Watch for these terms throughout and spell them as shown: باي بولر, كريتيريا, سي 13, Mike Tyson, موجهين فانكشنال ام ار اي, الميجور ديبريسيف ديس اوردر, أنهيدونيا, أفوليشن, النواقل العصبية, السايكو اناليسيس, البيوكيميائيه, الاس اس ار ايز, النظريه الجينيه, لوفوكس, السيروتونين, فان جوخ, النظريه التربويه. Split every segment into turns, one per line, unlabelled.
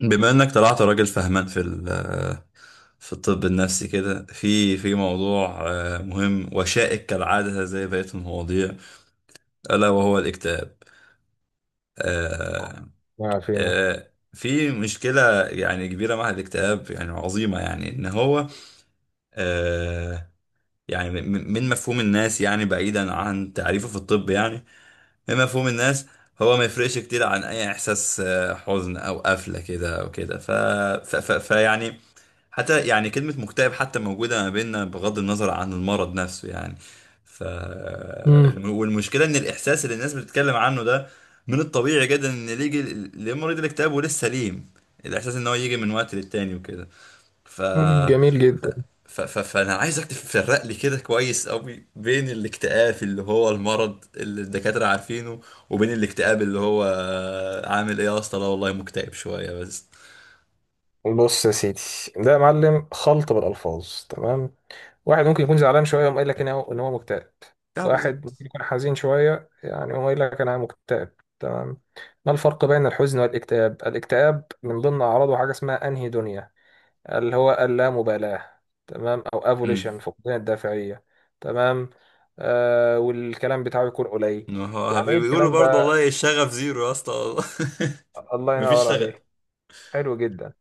بما انك طلعت راجل فهمان في في الطب النفسي كده، في موضوع مهم وشائك كالعادة زي بقية المواضيع، ألا وهو الاكتئاب. آه،
ما فينا.
في مشكلة يعني كبيرة مع الاكتئاب، يعني عظيمة، يعني إن هو آه، يعني من مفهوم الناس، يعني بعيدا عن تعريفه في الطب، يعني من مفهوم الناس، هو ما يفرقش كتير عن أي إحساس حزن أو قفلة كده أو كده. فيعني حتى يعني كلمة مكتئب حتى موجودة ما بيننا، بغض النظر عن المرض نفسه يعني.
مم.
والمشكلة إن الإحساس اللي الناس بتتكلم عنه ده، من الطبيعي جدا إن اللي يجي لمريض الاكتئاب ولسه سليم، الإحساس إن هو يجي من وقت للتاني وكده. ف...
جميل جدا.
فأنا عايزك تفرق لي كده كويس أوي، بين الاكتئاب اللي هو المرض اللي الدكاترة عارفينه، وبين الاكتئاب اللي هو عامل إيه يا اسطى، لا والله مكتئب شوية بس.
بص يا سيدي، ده يا معلم خلط بالألفاظ. تمام. واحد ممكن يكون زعلان شوية يقوم قايل لك إن هو مكتئب.
اه،
واحد
بالظبط.
ممكن يكون حزين شوية يعني يقوم قايل لك أنا مكتئب. تمام. ما الفرق بين الحزن والاكتئاب؟ الاكتئاب من ضمن أعراضه حاجة اسمها أنهيدونيا اللي هو اللامبالاة. تمام. أو أفوليشن، فقدان الدافعية. تمام. والكلام بتاعه يكون قليل.
ما هو
يعني إيه
بيقولوا
الكلام
برضه،
ده؟
والله الشغف زيرو يا اسطى والله.
الله
مفيش
ينور
شغف.
عليك. حلو جدا.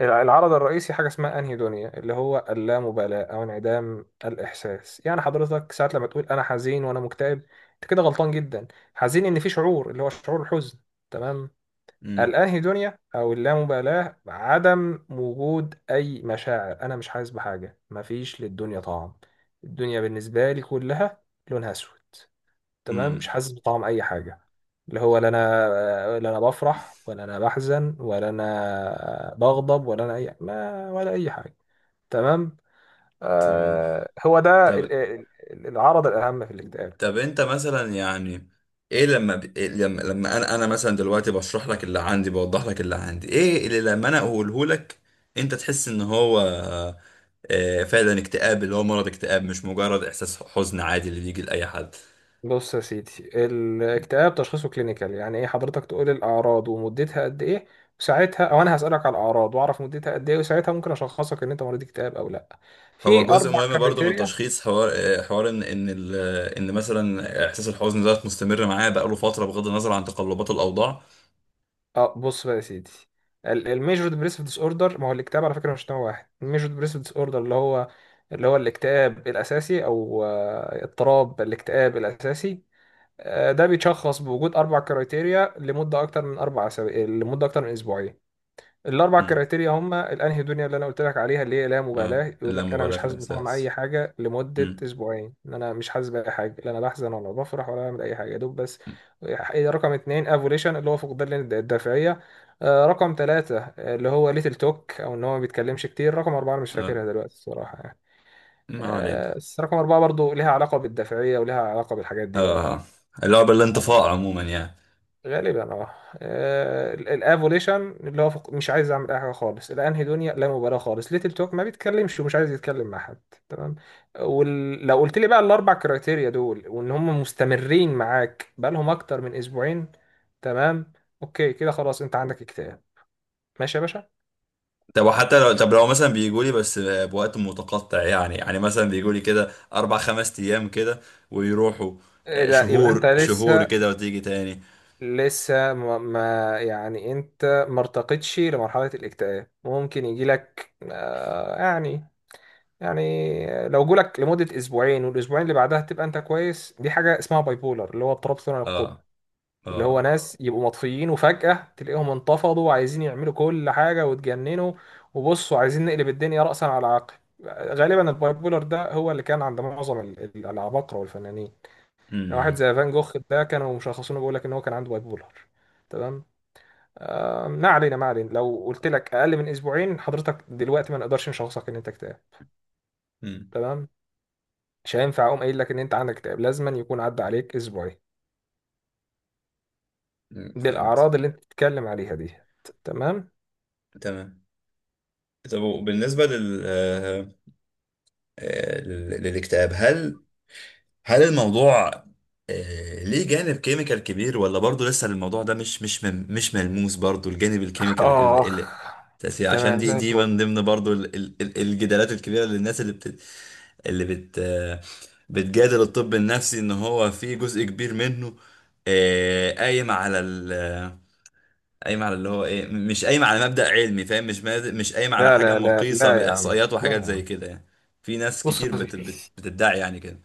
العرض الرئيسي حاجة اسمها أنهيدونيا اللي هو اللامبالاة أو انعدام الإحساس. يعني حضرتك ساعات لما تقول أنا حزين وأنا مكتئب، أنت كده غلطان جدا. حزين إن في شعور اللي هو شعور الحزن. تمام.
امم.
الأنهيدونيا أو اللامبالاة عدم وجود أي مشاعر، أنا مش حاسس بحاجة، مفيش للدنيا طعم، الدنيا بالنسبة لي كلها لونها أسود. تمام، مش
امم.
حاسس بطعم اي حاجه. اللي هو لا انا، لا انا بفرح، ولا انا بحزن، ولا انا بغضب، ولا انا اي ما، ولا اي حاجه. تمام.
تمام.
هو ده
طب.
العرض الاهم في الاكتئاب يعني.
انت مثلا يعني، إيه لما انا مثلا دلوقتي بشرح لك اللي عندي، بوضح لك اللي عندي، ايه اللي لما انا اقوله لك انت تحس ان هو فعلا اكتئاب، اللي هو مرض اكتئاب مش مجرد احساس حزن عادي اللي بيجي لاي حد؟
بص يا سيدي، الاكتئاب تشخيصه كلينيكال. يعني ايه؟ حضرتك تقول الاعراض ومدتها قد ايه، وساعتها، او انا هسالك على الاعراض واعرف مدتها قد ايه، وساعتها ممكن اشخصك ان انت مريض اكتئاب او لا.
هو
في
جزء
اربع
مهم برضو من
كريتيريا.
تشخيص، حوار ان ان مثلا احساس الحزن ده مستمر معاه بقاله فتره، بغض النظر عن تقلبات الاوضاع.
اه، بص بقى يا سيدي، الميجور ديبريسيف ديس اوردر. ما هو الاكتئاب على فكره مش نوع واحد. الميجور ديبريسيف ديس اوردر اللي هو اللي هو الاكتئاب الاساسي، او اضطراب الاكتئاب الاساسي. ده بيتشخص بوجود اربع كرايتيريا لمده اكتر من اسبوعين. الاربع
امم.
كرايتيريا هم الانهيدونيا اللي انا قلت لك عليها، اللي هي لا مبالاه،
اه،
يقول لك انا
اللامبالاه
مش
في
حاسس بطعم اي
الاحساس.
حاجه لمده
امم.
اسبوعين، ان انا مش حاسس باي حاجه، لا انا بحزن ولا بفرح ولا بعمل اي حاجه يا دوب، بس. رقم اتنين افوليشن اللي هو فقدان الدافعيه. رقم ثلاثة اللي هو ليتل توك، او ان هو ما بيتكلمش كتير. رقم أربعة انا مش
اه،
فاكرها دلوقتي الصراحه يعني.
ما علينا.
بس رقم أربعة برضو ليها علاقه بالدافعيه وليها علاقه بالحاجات دي برضو.
اه، اللعبه الانطفاء عموما يعني.
غالبا اه. الافوليشن اللي هو مش عايز اعمل اي حاجه خالص، الانهي دنيا لا مبالاه خالص، ليتل توك ما بيتكلمش ومش عايز يتكلم مع حد. تمام. ولو قلت لي بقى الاربع كرايتيريا دول وان هم مستمرين معاك بقى لهم اكتر من اسبوعين، تمام، اوكي كده خلاص انت عندك اكتئاب. ماشي يا باشا.
طب، وحتى لو، لو مثلا بيجوا لي بس بوقت متقطع، يعني مثلا بيجوا لي كده 4 5 ايام كده، ويروحوا،
لا، يبقى انت
شهور شهور
لسه،
كده وتيجي تاني.
يعني انت ما ارتقتش لمرحله الاكتئاب. ممكن يجي لك يعني، يعني لو جولك لمدة أسبوعين والأسبوعين اللي بعدها تبقى أنت كويس، دي حاجة اسمها باي بولر اللي هو اضطراب ثنائي القطب.
اه.
اللي هو
اه.
ناس يبقوا مطفيين وفجأة تلاقيهم انتفضوا وعايزين يعملوا كل حاجة وتجننوا، وبصوا عايزين نقلب الدنيا رأسا على عقب. غالبا الباي بولر ده هو اللي كان عند معظم العباقرة والفنانين. يعني واحد
امم.
زي فان جوخ ده كانوا مشخصينه، بيقول لك إن هو كان عنده باي بولر. تمام. ما علينا ما علينا. لو قلت لك أقل من أسبوعين، حضرتك دلوقتي ما نقدرش نشخصك إن أنت اكتئاب.
امم.
تمام. مش هينفع اقوم قايل لك ان انت عندك اكتئاب، لازما يكون عدى عليك اسبوعين
فهمت.
بالاعراض اللي انت بتتكلم عليها دي. تمام.
تمام. طب، وبالنسبة لل... آه، آه، لل- للاكتئاب، هل الموضوع ليه جانب كيميكال كبير، ولا برضه لسه الموضوع ده مش ملموس برضه، الجانب الكيميكال،
اخ
التأثير، عشان
تمام، زي
دي
الفل.
من ضمن برضه الجدالات الكبيرة للناس، اللي بت اللي بت آه، بتجادل الطب النفسي ان هو في جزء كبير منه، قايم على قايم على اللي هو ايه، مش قايم على مبدأ علمي، فاهم؟ مش قايم على
لا
حاجة
لا لا
مقيسة
لا يا عم،
بإحصائيات
لا
وحاجات
يا
زي
عم.
كده يعني. في ناس
بص
كتير
يا سيدي،
بتدعي يعني كده.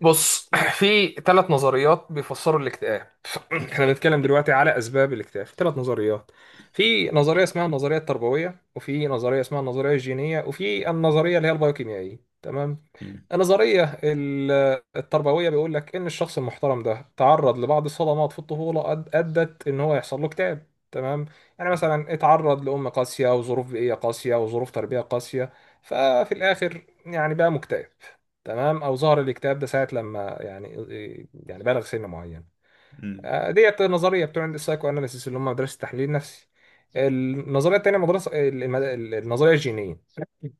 بص. في ثلاث نظريات بيفسروا الاكتئاب. احنا بنتكلم دلوقتي على اسباب الاكتئاب. ثلاث نظريات: في نظريه اسمها النظريه التربويه، وفي نظريه اسمها النظريه الجينيه، وفي النظريه اللي هي البيوكيميائيه. تمام.
مم.
النظريه التربويه بيقول لك ان الشخص المحترم ده تعرض لبعض الصدمات في الطفوله ادت ان هو يحصل له اكتئاب. تمام، يعني مثلا اتعرض لام قاسيه وظروف بيئيه قاسيه وظروف تربيه قاسيه، ففي الاخر يعني بقى مكتئب. تمام، او ظهر الاكتئاب ده ساعه لما يعني، يعني بلغ سن معين.
مم.
ديت نظريه بتوع السايكو اناليسيس اللي هم مدرسه التحليل النفسي. النظريه الثانيه النظريه الجينيه.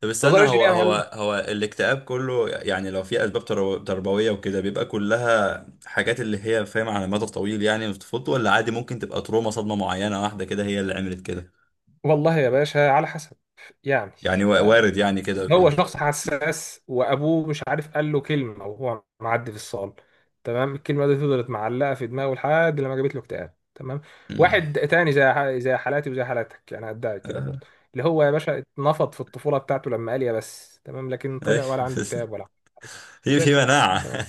طب استنى،
النظريه الجينيه يا معلم.
هو الاكتئاب كله يعني، لو في أسباب تربوية وكده، بيبقى كلها حاجات اللي هي فاهم، على مدى طويل يعني في طفولته، ولا عادي ممكن تبقى تروما، صدمة معينة واحدة كده هي اللي عملت كده؟
والله يا باشا على حسب يعني.
يعني وارد يعني كده وكده.
هو شخص حساس وابوه مش عارف قال له كلمه وهو معدي في الصاله، تمام، الكلمه دي فضلت معلقه في دماغه لحد لما جابت له اكتئاب. تمام.
مم.
واحد تاني زي زي حالاتي وزي حالاتك يعني، ادعي كده
آه.
برضه، اللي هو يا باشا اتنفض في الطفوله بتاعته لما قال يا بس، تمام، لكن
أيوة.
طلع ولا عنده اكتئاب ولا. زي
في
الفل.
مناعة.
تمام.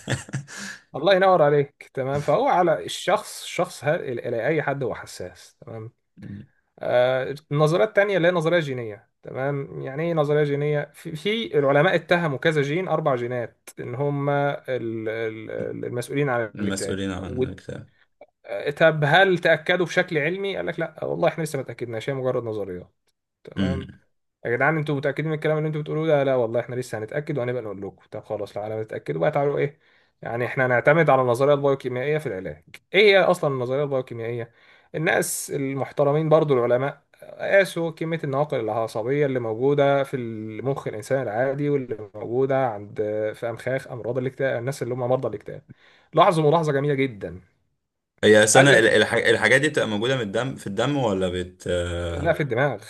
الله ينور عليك. تمام. فهو على الشخص، اي حد هو حساس. تمام.
مم.
النظرية التانية اللي هي نظرية جينية. تمام، يعني ايه نظرية جينية؟ في العلماء اتهموا كذا جين، اربع جينات، ان هم المسؤولين عن الاكتئاب.
المسؤولين عن الاكتئاب.
طب هل تأكدوا بشكل علمي؟ قال لك لا والله احنا لسه ما تأكدناش، هي مجرد نظريات. تمام.
امم.
يا جدعان انتوا متأكدين من الكلام اللي انتوا بتقولوه ده؟ لا والله احنا لسه هنتأكد وهنبقى نقول لكم. طب خلاص، لو على ما تتأكدوا بقى تعالوا ايه؟ يعني احنا هنعتمد على النظرية البايوكيميائية في العلاج. ايه هي اصلا النظرية البايوكيميائية؟ الناس المحترمين برضو العلماء قاسوا كمية النواقل العصبية اللي موجودة في المخ الإنسان العادي، واللي موجودة عند، في أمخاخ أمراض الاكتئاب، الناس اللي هم مرضى الاكتئاب. لاحظوا ملاحظة جميلة جدا.
هي السنة،
قال لك
الحاجات دي بتبقى موجودة من الدم في الدم، ولا بت،
لا، في الدماغ.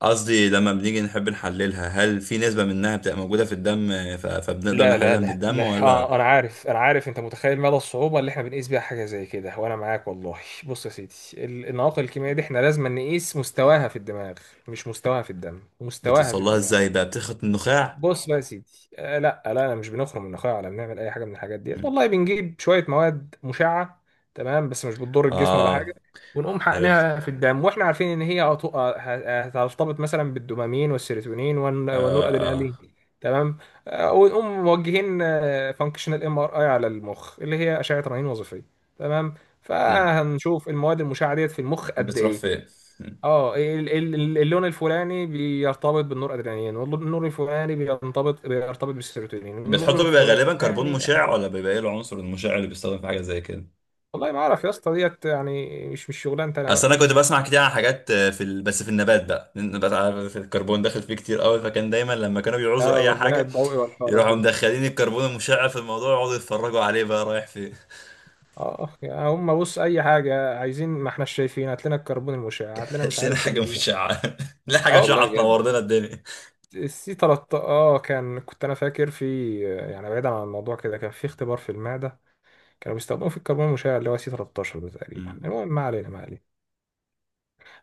قصدي لما بنيجي نحب نحللها، هل في نسبة منها بتبقى موجودة في الدم، فبنقدر
لا لا
نحللها من
لا
الدم
لا،
ولا؟
انا عارف انا عارف، انت متخيل مدى الصعوبه اللي احنا بنقيس بيها حاجه زي كده، وانا معاك والله. بص يا سيدي، النواقل الكيميائيه دي احنا لازم نقيس مستواها في الدماغ، مش مستواها في الدم، مستواها
بتوصل
في
لها
الدماغ.
ازاي بقى، بتخرج من النخاع؟
بص بقى يا سيدي، لا لا، انا مش بنخرم من اخويا ولا بنعمل اي حاجه من الحاجات ديت
مم.
والله، بنجيب شويه مواد مشعه. تمام. بس مش بتضر الجسم ولا حاجه.
اه،
ونقوم
عرفت.
حقنها في الدم، واحنا عارفين ان هي هترتبط مثلا بالدوبامين والسيروتونين
اه.
والنور ادرينالين.
اه.
تمام. ونقوم موجهين فانكشنال ام ار اي على المخ، اللي هي اشعه رنين وظيفيه. تمام.
مم.
فهنشوف المواد المشعه ديت في المخ قد
بتروح
ايه.
فين؟ مم.
اه، اللون الفلاني بيرتبط بالنور ادرينالين، والنور الفلاني بيرتبط بالسيروتونين، النور
بتحطه بيبقى غالبا كربون
الفلاني.
مشع، ولا بيبقى ايه العنصر المشع اللي بيستخدم في حاجة زي كده؟
والله ما اعرف يا اسطى ديت، يعني مش مش شغلانتي انا
اصل
بقى.
انا كنت بسمع كتير عن حاجات بس في النبات بقى، النبات عارف الكربون داخل فيه كتير قوي، فكان دايما لما كانوا بيعوزوا
اه،
اي
والبناء
حاجة،
الضوئي والحوارات
يروحوا
دي.
مدخلين الكربون المشع في الموضوع يقعدوا يتفرجوا عليه بقى رايح فين.
اه، يعني هم بص اي حاجه عايزين، ما احنا شايفين، هات لنا الكربون المشع، هات لنا مش
هات لنا
عارف
حاجة
ال...
مشعة. لا،
اه
حاجة
والله
مشعة
بجد.
تنور لنا الدنيا.
السي 13، اه، كان كنت انا فاكر، في يعني بعيدا عن الموضوع كده، كان في اختبار في المعده كانوا بيستخدموا في الكربون المشع اللي هو سي 13 ده تقريبا.
مم.
المهم ما علينا ما علينا.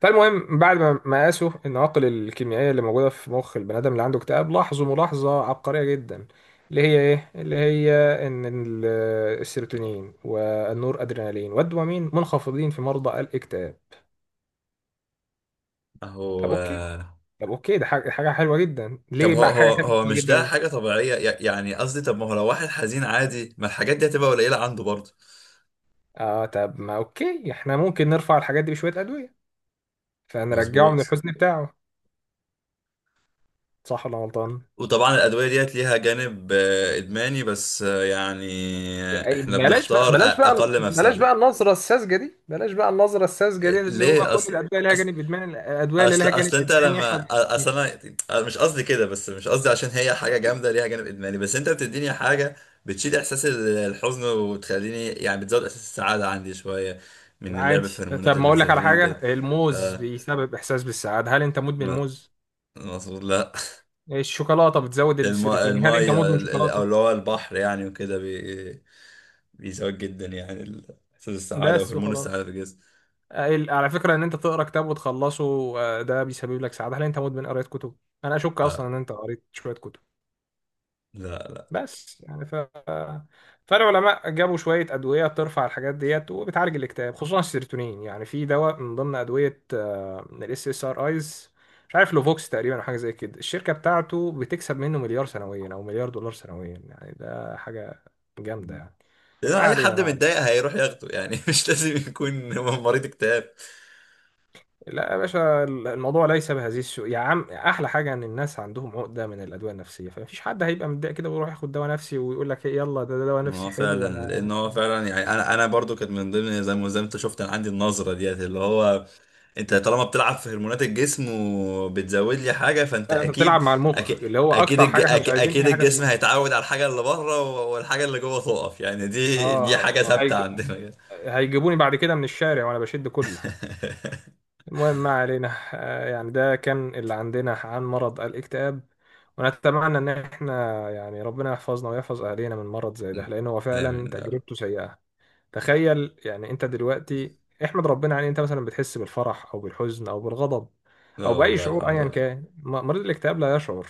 فالمهم بعد ما قاسوا النواقل الكيميائية اللي موجودة في مخ البني آدم اللي عنده اكتئاب، لاحظوا ملاحظة عبقرية جدا، اللي هي ايه؟ اللي هي ان ال- السيروتونين والنور ادرينالين والدوبامين منخفضين في مرضى الاكتئاب. طب
اهو.
اوكي، طب اوكي، ده حاجة حلوة جدا،
طب،
ليه بقى حاجة حلوة
هو مش ده
جدا؟
حاجة طبيعية، يعني قصدي، طب ما هو لو واحد حزين عادي، ما الحاجات دي هتبقى قليلة عنده برضه؟
اه طب ما اوكي، احنا ممكن نرفع الحاجات دي بشوية أدوية فنرجعه من
مظبوط.
الحزن بتاعه، صح ولا غلطان؟
وطبعا الأدوية ديت ليها جانب إدماني بس، يعني
أي
إحنا
بلاش بقى،
بنختار
بلاش بقى،
أقل
بلاش
مفسدة.
بقى النظرة الساذجة دي، بلاش بقى النظرة الساذجة دي اللي هو
ليه
كل
أصلا؟
الأدوية لها جانب إدماني. الأدوية اللي
اصل
لها جانب
اصل انت
إدماني إحنا
لما اصل
بنستثنيها.
انا، أنا مش قصدي كده، بس مش قصدي عشان هي حاجه جامده ليها جانب ادماني، بس انت بتديني حاجه بتشيل احساس الحزن وتخليني، يعني بتزود احساس السعاده عندي شويه من اللعب
عادي.
في هرمونات
طب ما أقول لك على
السيروتونين وكده.
حاجة،
ف
الموز بيسبب إحساس بالسعادة، هل أنت مدمن
م-
موز؟
مظبوط. لا.
الشوكولاتة بتزود السيروتونين، هل أنت
الميه،
مدمن
او اللي
شوكولاتة؟
هو البحر يعني، وكده بيزود جدا يعني احساس السعاده
بس
وهرمون السعاده في
وخلاص.
الجسم.
على فكرة إن أنت تقرأ كتاب وتخلصه، ده بيسبب لك سعادة، هل أنت مدمن قراية كتب؟ أنا أشك أصلا إن أنت قريت شوية كتب.
لا، لا.
بس يعني، فالعلماء جابوا شويه ادويه ترفع الحاجات ديت وبتعالج الاكتئاب، خصوصا السيروتونين. يعني في دواء من ضمن ادويه الاس اس ار ايز، مش عارف لوفوكس تقريبا او حاجه زي كده، الشركه بتاعته بتكسب منه مليار سنويا او مليار دولار سنويا، يعني ده حاجه جامده يعني.
لأن
ما
اي
علينا
حد
ما علينا.
متضايق هيروح ياخده يعني. مش لازم يكون مريض اكتئاب.
لا يا باشا، الموضوع ليس بهذه السوء يا عم. احلى حاجه ان الناس عندهم عقده من الادويه النفسيه، فمفيش حد هيبقى متضايق كده ويروح ياخد دواء نفسي ويقول لك إيه يلا، ده دواء
ما
نفسي
هو
حلو.
فعلا، لان هو فعلا يعني انا برضو كانت من ضمن، زي ما انت شفت، انا عندي النظره ديت اللي هو، انت طالما بتلعب في هرمونات الجسم وبتزود لي حاجه، فانت
لا، انت بتلعب
اكيد.
مع
اكيد،
المخ اللي هو اكتر حاجه احنا مش عايزين
اكيد
اي حاجه
الجسم
فيها.
هيتعود على الحاجه اللي بره، والحاجه اللي جوه تقف يعني. دي حاجه
اه
ثابته عندنا كده.
هيجيبوني بعد كده من الشارع وانا بشد كله. المهم ما علينا. يعني ده كان اللي عندنا عن مرض الاكتئاب. ونتمنى ان احنا يعني ربنا يحفظنا ويحفظ اهالينا من مرض زي ده، لان هو فعلا
امين يا رب.
تجربته سيئه. تخيل يعني انت دلوقتي، احمد ربنا عليه، انت مثلا بتحس بالفرح او بالحزن او بالغضب او
لا
باي
والله،
شعور
الحمد
ايا
لله.
كان، مريض الاكتئاب لا يشعر.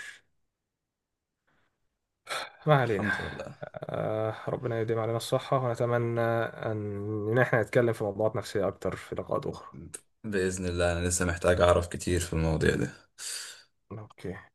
ما علينا.
الحمد لله.
آه، ربنا يديم علينا الصحة، ونتمنى أن إحنا نتكلم في موضوعات نفسية أكتر في لقاءات أخرى.
باذن الله، انا لسه محتاج اعرف كتير في المواضيع دي.
أوكي.